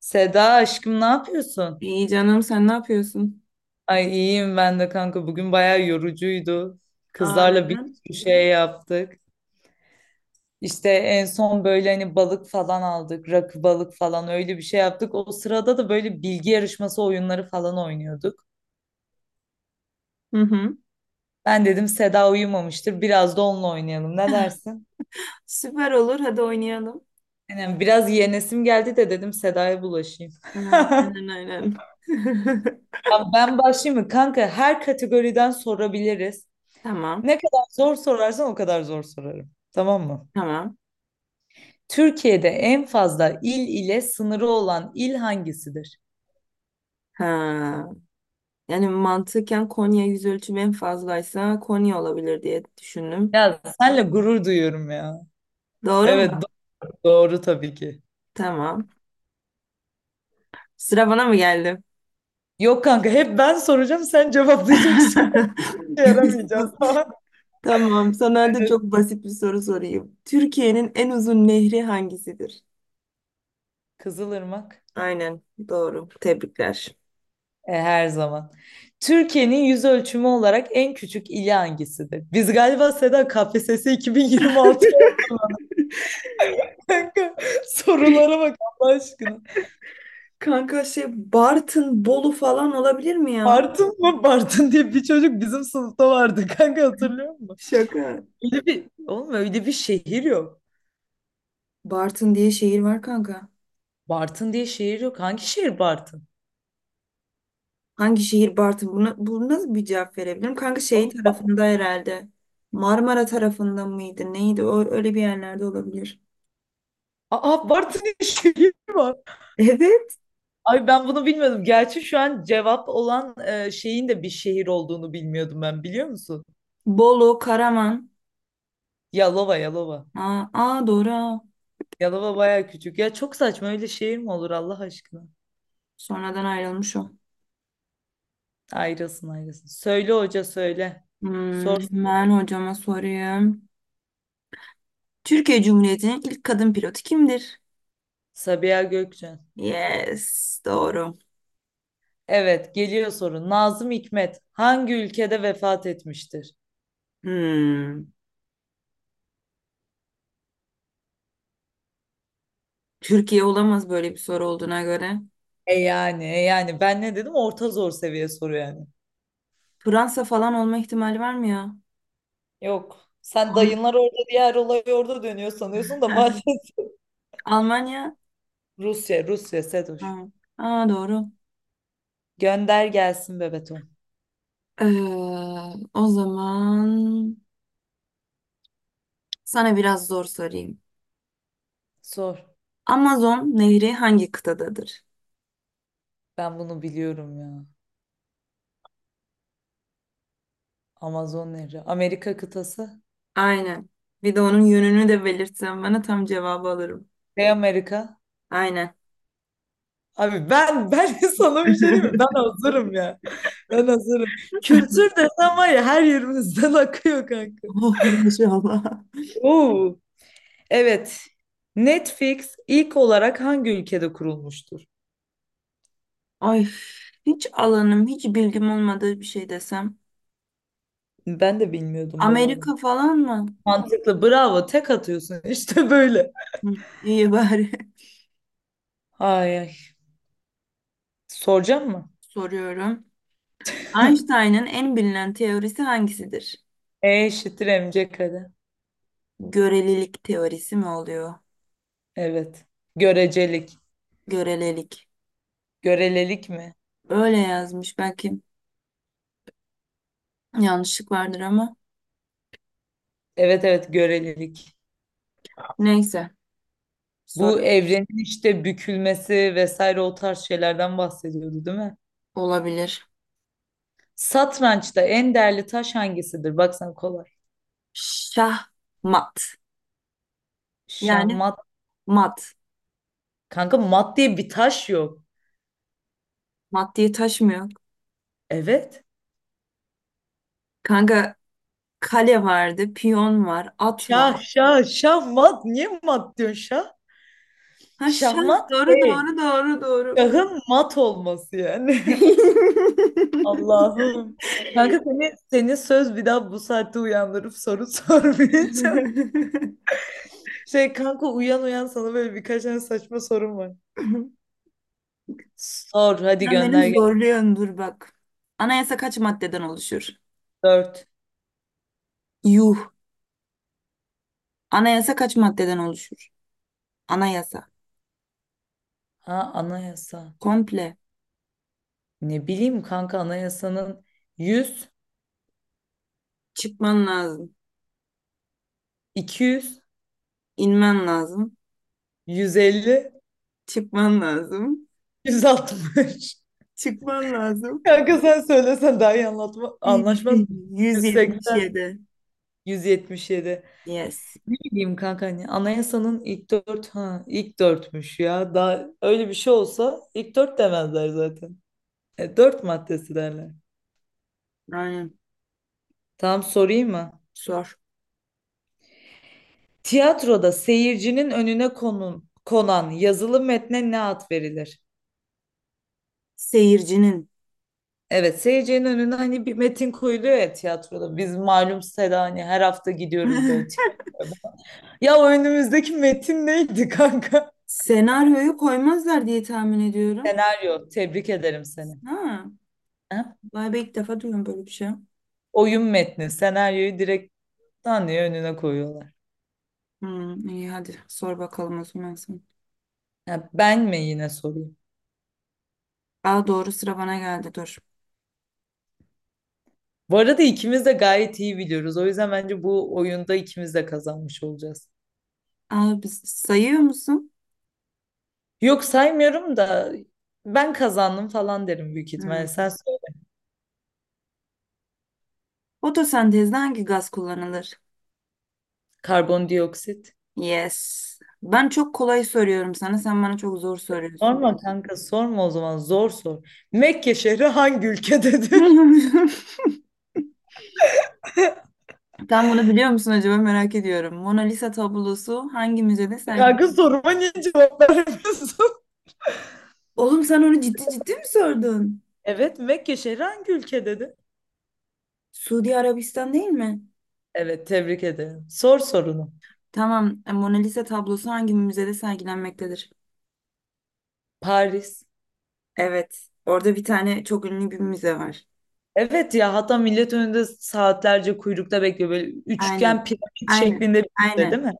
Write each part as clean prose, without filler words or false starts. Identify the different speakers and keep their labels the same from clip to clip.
Speaker 1: Seda aşkım ne yapıyorsun?
Speaker 2: İyi canım, sen ne yapıyorsun?
Speaker 1: Ay iyiyim ben de kanka. Bugün bayağı yorucuydu.
Speaker 2: Aa,
Speaker 1: Kızlarla bir
Speaker 2: neden?
Speaker 1: sürü şey yaptık. İşte en son böyle hani balık falan aldık. Rakı balık falan öyle bir şey yaptık. O sırada da böyle bilgi yarışması oyunları falan oynuyorduk.
Speaker 2: Hı hı.
Speaker 1: Ben dedim Seda uyumamıştır. Biraz da onunla oynayalım. Ne dersin?
Speaker 2: Süper olur, hadi oynayalım.
Speaker 1: Yani biraz yenesim geldi de dedim Seda'ya bulaşayım.
Speaker 2: Ha, aynen aynen.
Speaker 1: Ben başlayayım mı? Kanka her kategoriden sorabiliriz.
Speaker 2: Tamam
Speaker 1: Ne kadar zor sorarsan o kadar zor sorarım. Tamam mı?
Speaker 2: tamam.
Speaker 1: Türkiye'de en fazla il ile sınırı olan il hangisidir?
Speaker 2: Ha, yani mantıken Konya yüz ölçümü en fazlaysa Konya olabilir diye düşündüm.
Speaker 1: Ya senle gurur duyuyorum ya.
Speaker 2: Doğru
Speaker 1: Evet
Speaker 2: mu?
Speaker 1: doğru tabii ki.
Speaker 2: Tamam. Sıra bana mı geldi?
Speaker 1: Yok kanka hep ben soracağım sen cevaplayacaksın. Yaramayacağım
Speaker 2: Sus.
Speaker 1: falan.
Speaker 2: Tamam, sana da çok basit bir soru sorayım. Türkiye'nin en uzun nehri hangisidir?
Speaker 1: Kızılırmak.
Speaker 2: Aynen doğru. Tebrikler.
Speaker 1: E, her zaman. Türkiye'nin yüz ölçümü olarak en küçük ili hangisidir? Biz galiba Seda KPSS 2026 kanka. Sorulara bak Allah aşkına.
Speaker 2: Kanka Bartın, Bolu falan olabilir mi ya?
Speaker 1: Bartın mı? Bartın diye bir çocuk bizim sınıfta vardı kanka hatırlıyor musun?
Speaker 2: Şaka.
Speaker 1: Oğlum öyle bir şehir yok.
Speaker 2: Bartın diye şehir var kanka.
Speaker 1: Bartın diye şehir yok. Hangi şehir Bartın?
Speaker 2: Hangi şehir Bartın? Buna, bu nasıl bir cevap verebilirim? Kanka şey
Speaker 1: Aa,
Speaker 2: tarafında herhalde. Marmara tarafında mıydı? Neydi? O, öyle bir yerlerde olabilir.
Speaker 1: aa, Bartın diye şehir var.
Speaker 2: Evet.
Speaker 1: Ay ben bunu bilmiyordum. Gerçi şu an cevap olan şeyin de bir şehir olduğunu bilmiyordum ben biliyor musun?
Speaker 2: Bolu, Karaman.
Speaker 1: Yalova, Yalova.
Speaker 2: Aa, aa doğru. Ha.
Speaker 1: Yalova baya küçük. Ya çok saçma öyle şehir mi olur Allah aşkına?
Speaker 2: Sonradan ayrılmış o.
Speaker 1: Ayrılsın ayrılsın. Söyle hoca söyle.
Speaker 2: Hmm,
Speaker 1: Sor.
Speaker 2: hemen hocama sorayım. Türkiye Cumhuriyeti'nin ilk kadın pilotu kimdir?
Speaker 1: Sabiha Gökçen.
Speaker 2: Yes, doğru.
Speaker 1: Evet geliyor soru. Nazım Hikmet hangi ülkede vefat etmiştir?
Speaker 2: Hmm. Türkiye olamaz, böyle bir soru olduğuna göre.
Speaker 1: E yani, ben ne dedim? Orta zor seviye soru yani.
Speaker 2: Fransa falan olma ihtimali var mı ya?
Speaker 1: Yok. Sen
Speaker 2: Al-
Speaker 1: dayınlar orada, diğer olay orada dönüyor sanıyorsun da maalesef.
Speaker 2: Almanya?
Speaker 1: Rusya, Rusya Sedoş.
Speaker 2: Ha. Aa, doğru.
Speaker 1: Gönder gelsin Bebetom.
Speaker 2: Ee, O zaman sana biraz zor sorayım.
Speaker 1: Sor.
Speaker 2: Amazon nehri hangi kıtadadır?
Speaker 1: Ben bunu biliyorum ya. Amazon nehri. Amerika kıtası.
Speaker 2: Aynen. Bir de onun yönünü de belirtsen bana tam cevabı alırım.
Speaker 1: Kuzey Amerika.
Speaker 2: Aynen.
Speaker 1: Abi ben sana bir şey diyeyim mi? Ben hazırım ya. Ben hazırım. Kültür desen var ya her yerimizden akıyor kanka.
Speaker 2: Oh maşallah.
Speaker 1: Oo. Evet. Netflix ilk olarak hangi ülkede kurulmuştur?
Speaker 2: Ay, hiç alanım, hiç bilgim olmadığı bir şey desem.
Speaker 1: Ben de bilmiyordum bu arada.
Speaker 2: Amerika falan mı?
Speaker 1: Mantıklı. Bravo. Tek atıyorsun. İşte böyle.
Speaker 2: Hı, iyi bari.
Speaker 1: Ay ay. Soracağım mı?
Speaker 2: Soruyorum. Einstein'ın en bilinen teorisi hangisidir?
Speaker 1: E eşittir mc kare.
Speaker 2: Görelilik teorisi mi oluyor?
Speaker 1: Evet. Görecelik.
Speaker 2: Görelilik.
Speaker 1: Görelelik mi?
Speaker 2: Öyle yazmış. Belki yanlışlık vardır ama.
Speaker 1: Evet evet görelilik.
Speaker 2: Neyse.
Speaker 1: Bu
Speaker 2: Soru
Speaker 1: evrenin işte bükülmesi vesaire o tarz şeylerden bahsediyordu değil mi?
Speaker 2: olabilir.
Speaker 1: Satrançta en değerli taş hangisidir? Baksana kolay.
Speaker 2: Şahmat.
Speaker 1: Şah
Speaker 2: Yani
Speaker 1: mat.
Speaker 2: mat.
Speaker 1: Kanka mat diye bir taş yok.
Speaker 2: Mat diye taş mı yok?
Speaker 1: Evet.
Speaker 2: Kanka kale vardı. Piyon var. At var.
Speaker 1: Şah şah şah mat. Niye mat diyorsun şah?
Speaker 2: Ha şah.
Speaker 1: Şahmat
Speaker 2: Doğru
Speaker 1: şey.
Speaker 2: doğru doğru doğru.
Speaker 1: Şahın mat olması yani. Allah'ım. Kanka senin söz bir daha bu saatte uyandırıp soru sormayacağım. Şey kanka uyan uyan sana böyle birkaç tane saçma sorum var. Sor hadi
Speaker 2: Sen beni
Speaker 1: gönder gel.
Speaker 2: zorluyorsun, dur bak. Anayasa kaç maddeden oluşur?
Speaker 1: Dört.
Speaker 2: Yuh. Anayasa kaç maddeden oluşur? Anayasa.
Speaker 1: Ha anayasa.
Speaker 2: Komple.
Speaker 1: Ne bileyim kanka anayasanın 100,
Speaker 2: Çıkman lazım.
Speaker 1: 200,
Speaker 2: İnmen lazım.
Speaker 1: 150,
Speaker 2: Çıkman lazım.
Speaker 1: 160.
Speaker 2: Çıkman lazım.
Speaker 1: Kanka sen söylesen daha iyi anlatma, anlaşmaz mı? 180,
Speaker 2: 177.
Speaker 1: 177.
Speaker 2: Yes.
Speaker 1: Ne bileyim kanka hani anayasanın ilk dört ha ilk dörtmüş ya. Daha öyle bir şey olsa ilk dört demezler zaten. E, dört maddesi derler.
Speaker 2: Aynen.
Speaker 1: Tamam sorayım mı?
Speaker 2: Sor.
Speaker 1: Tiyatroda seyircinin önüne konan yazılı metne ne ad verilir?
Speaker 2: Seyircinin.
Speaker 1: Evet seyircinin önüne hani bir metin koyuluyor ya tiyatroda. Biz malum Seda hani her hafta gidiyoruz böyle tiyatroya. Ya o önümüzdeki metin neydi kanka?
Speaker 2: Senaryoyu koymazlar diye tahmin ediyorum.
Speaker 1: Senaryo. Tebrik ederim seni.
Speaker 2: Ha.
Speaker 1: Ha?
Speaker 2: Vay be, ilk defa duyuyorum böyle bir şey.
Speaker 1: Oyun metni. Senaryoyu direkt Tanrı'ya önüne koyuyorlar.
Speaker 2: Hmm, iyi hadi sor bakalım o zaman sen.
Speaker 1: Ha, ben mi yine sorayım?
Speaker 2: Aa, doğru, sıra bana geldi, dur.
Speaker 1: Bu arada ikimiz de gayet iyi biliyoruz. O yüzden bence bu oyunda ikimiz de kazanmış olacağız.
Speaker 2: Aa, biz sayıyor musun?
Speaker 1: Yok saymıyorum da ben kazandım falan derim büyük ihtimalle.
Speaker 2: Hmm.
Speaker 1: Sen sor.
Speaker 2: Fotosentezde hangi gaz kullanılır?
Speaker 1: Karbondioksit.
Speaker 2: Yes. Ben çok kolay soruyorum sana. Sen bana çok zor soruyorsun.
Speaker 1: Sorma kanka sorma o zaman zor sor. Mekke şehri hangi ülkededir?
Speaker 2: Sen bunu biliyor musun acaba, merak ediyorum. Mona Lisa tablosu hangi müzede sergilenir?
Speaker 1: Kanka soruma niye cevap vermiyorsun?
Speaker 2: Oğlum sen onu ciddi ciddi mi sordun?
Speaker 1: Evet Mekke şehri hangi ülkededir?
Speaker 2: Suudi Arabistan değil mi?
Speaker 1: Evet tebrik ederim. Sor sorunu.
Speaker 2: Tamam. Mona Lisa tablosu hangi müzede sergilenmektedir?
Speaker 1: Paris.
Speaker 2: Evet. Orada bir tane çok ünlü bir müze var.
Speaker 1: Evet ya hatta millet önünde saatlerce kuyrukta bekliyor. Böyle
Speaker 2: Aynen.
Speaker 1: üçgen piramit
Speaker 2: Aynen.
Speaker 1: şeklinde bir şey değil
Speaker 2: Aynen.
Speaker 1: mi?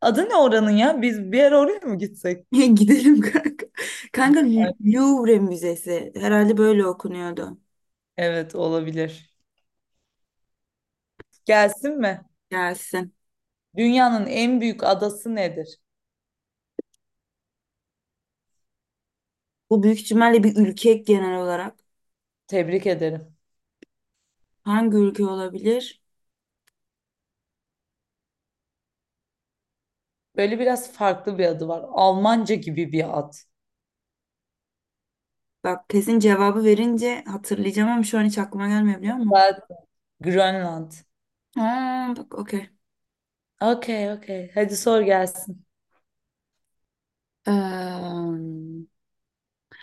Speaker 1: Adı ne oranın ya? Biz bir ara oraya mı gitsek?
Speaker 2: Gidelim kanka. Kanka
Speaker 1: Ay,
Speaker 2: Louvre Müzesi. Herhalde böyle okunuyordu.
Speaker 1: evet olabilir. Gelsin mi?
Speaker 2: Gelsin.
Speaker 1: Dünyanın en büyük adası nedir?
Speaker 2: Bu büyük ihtimalle bir ülke genel olarak.
Speaker 1: Tebrik ederim.
Speaker 2: Hangi ülke olabilir?
Speaker 1: Böyle biraz farklı bir adı var. Almanca gibi bir ad.
Speaker 2: Bak, kesin cevabı verince hatırlayacağım ama şu an hiç aklıma gelmiyor, biliyor musun?
Speaker 1: Zaten Grönland.
Speaker 2: Ha, bak, okey.
Speaker 1: Okey okey. Hadi sor gelsin.
Speaker 2: Eee,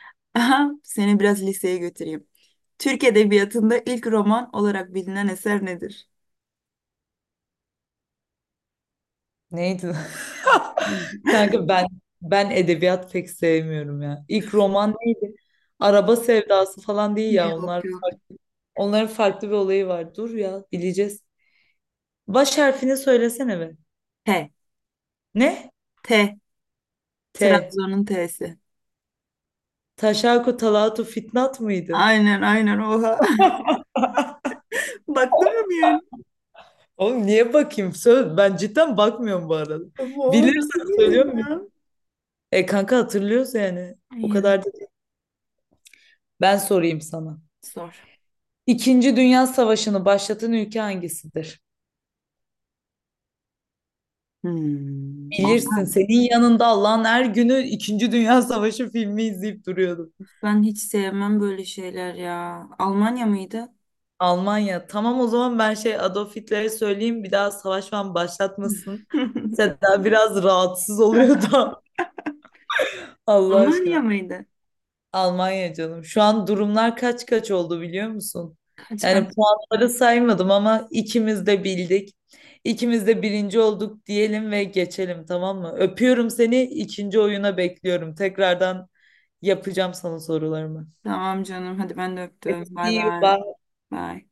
Speaker 2: Aha, seni biraz liseye götüreyim. Türk Edebiyatı'nda ilk roman olarak bilinen eser nedir?
Speaker 1: Neydi lan?
Speaker 2: Hı.
Speaker 1: Kanka ben edebiyat pek sevmiyorum ya. İlk roman neydi? Araba sevdası falan değil ya
Speaker 2: Yok
Speaker 1: onlar.
Speaker 2: yok.
Speaker 1: Onların farklı bir olayı var. Dur ya bileceğiz. Baş harfini söylesene be.
Speaker 2: T.
Speaker 1: Ne?
Speaker 2: T.
Speaker 1: T.
Speaker 2: Trabzon'un T'si.
Speaker 1: Taşaku Talatu Fitnat mıydı?
Speaker 2: Aynen aynen, oha. Baktın mı bir yer?
Speaker 1: Oğlum niye bakayım? Söz, ben cidden bakmıyorum bu arada.
Speaker 2: Oha, nasıl
Speaker 1: Bilirsen
Speaker 2: bildin
Speaker 1: söylüyorum muyum?
Speaker 2: ya?
Speaker 1: E kanka hatırlıyoruz yani. O
Speaker 2: Ay ya,
Speaker 1: kadar da değil. Ben sorayım sana.
Speaker 2: zor.
Speaker 1: İkinci Dünya Savaşı'nı başlatan ülke hangisidir?
Speaker 2: Hmm. Al-
Speaker 1: Bilirsin senin yanında Allah'ın her günü İkinci Dünya Savaşı filmi izleyip duruyordum.
Speaker 2: Ben hiç sevmem böyle şeyler ya. Almanya mıydı?
Speaker 1: Almanya. Tamam o zaman ben şey Adolf Hitler'e söyleyeyim bir daha savaş falan başlatmasın. Seda biraz rahatsız oluyor da Allah
Speaker 2: Almanya
Speaker 1: aşkına.
Speaker 2: mıydı?
Speaker 1: Almanya canım. Şu an durumlar kaç kaç oldu biliyor musun?
Speaker 2: Kaç kaç.
Speaker 1: Yani puanları saymadım ama ikimiz de bildik. İkimiz de birinci olduk diyelim ve geçelim tamam mı? Öpüyorum seni. İkinci oyuna bekliyorum. Tekrardan yapacağım sana sorularımı.
Speaker 2: Tamam canım. Hadi ben de öptüm. Bay
Speaker 1: See you.
Speaker 2: bay.
Speaker 1: Bye.
Speaker 2: Bay.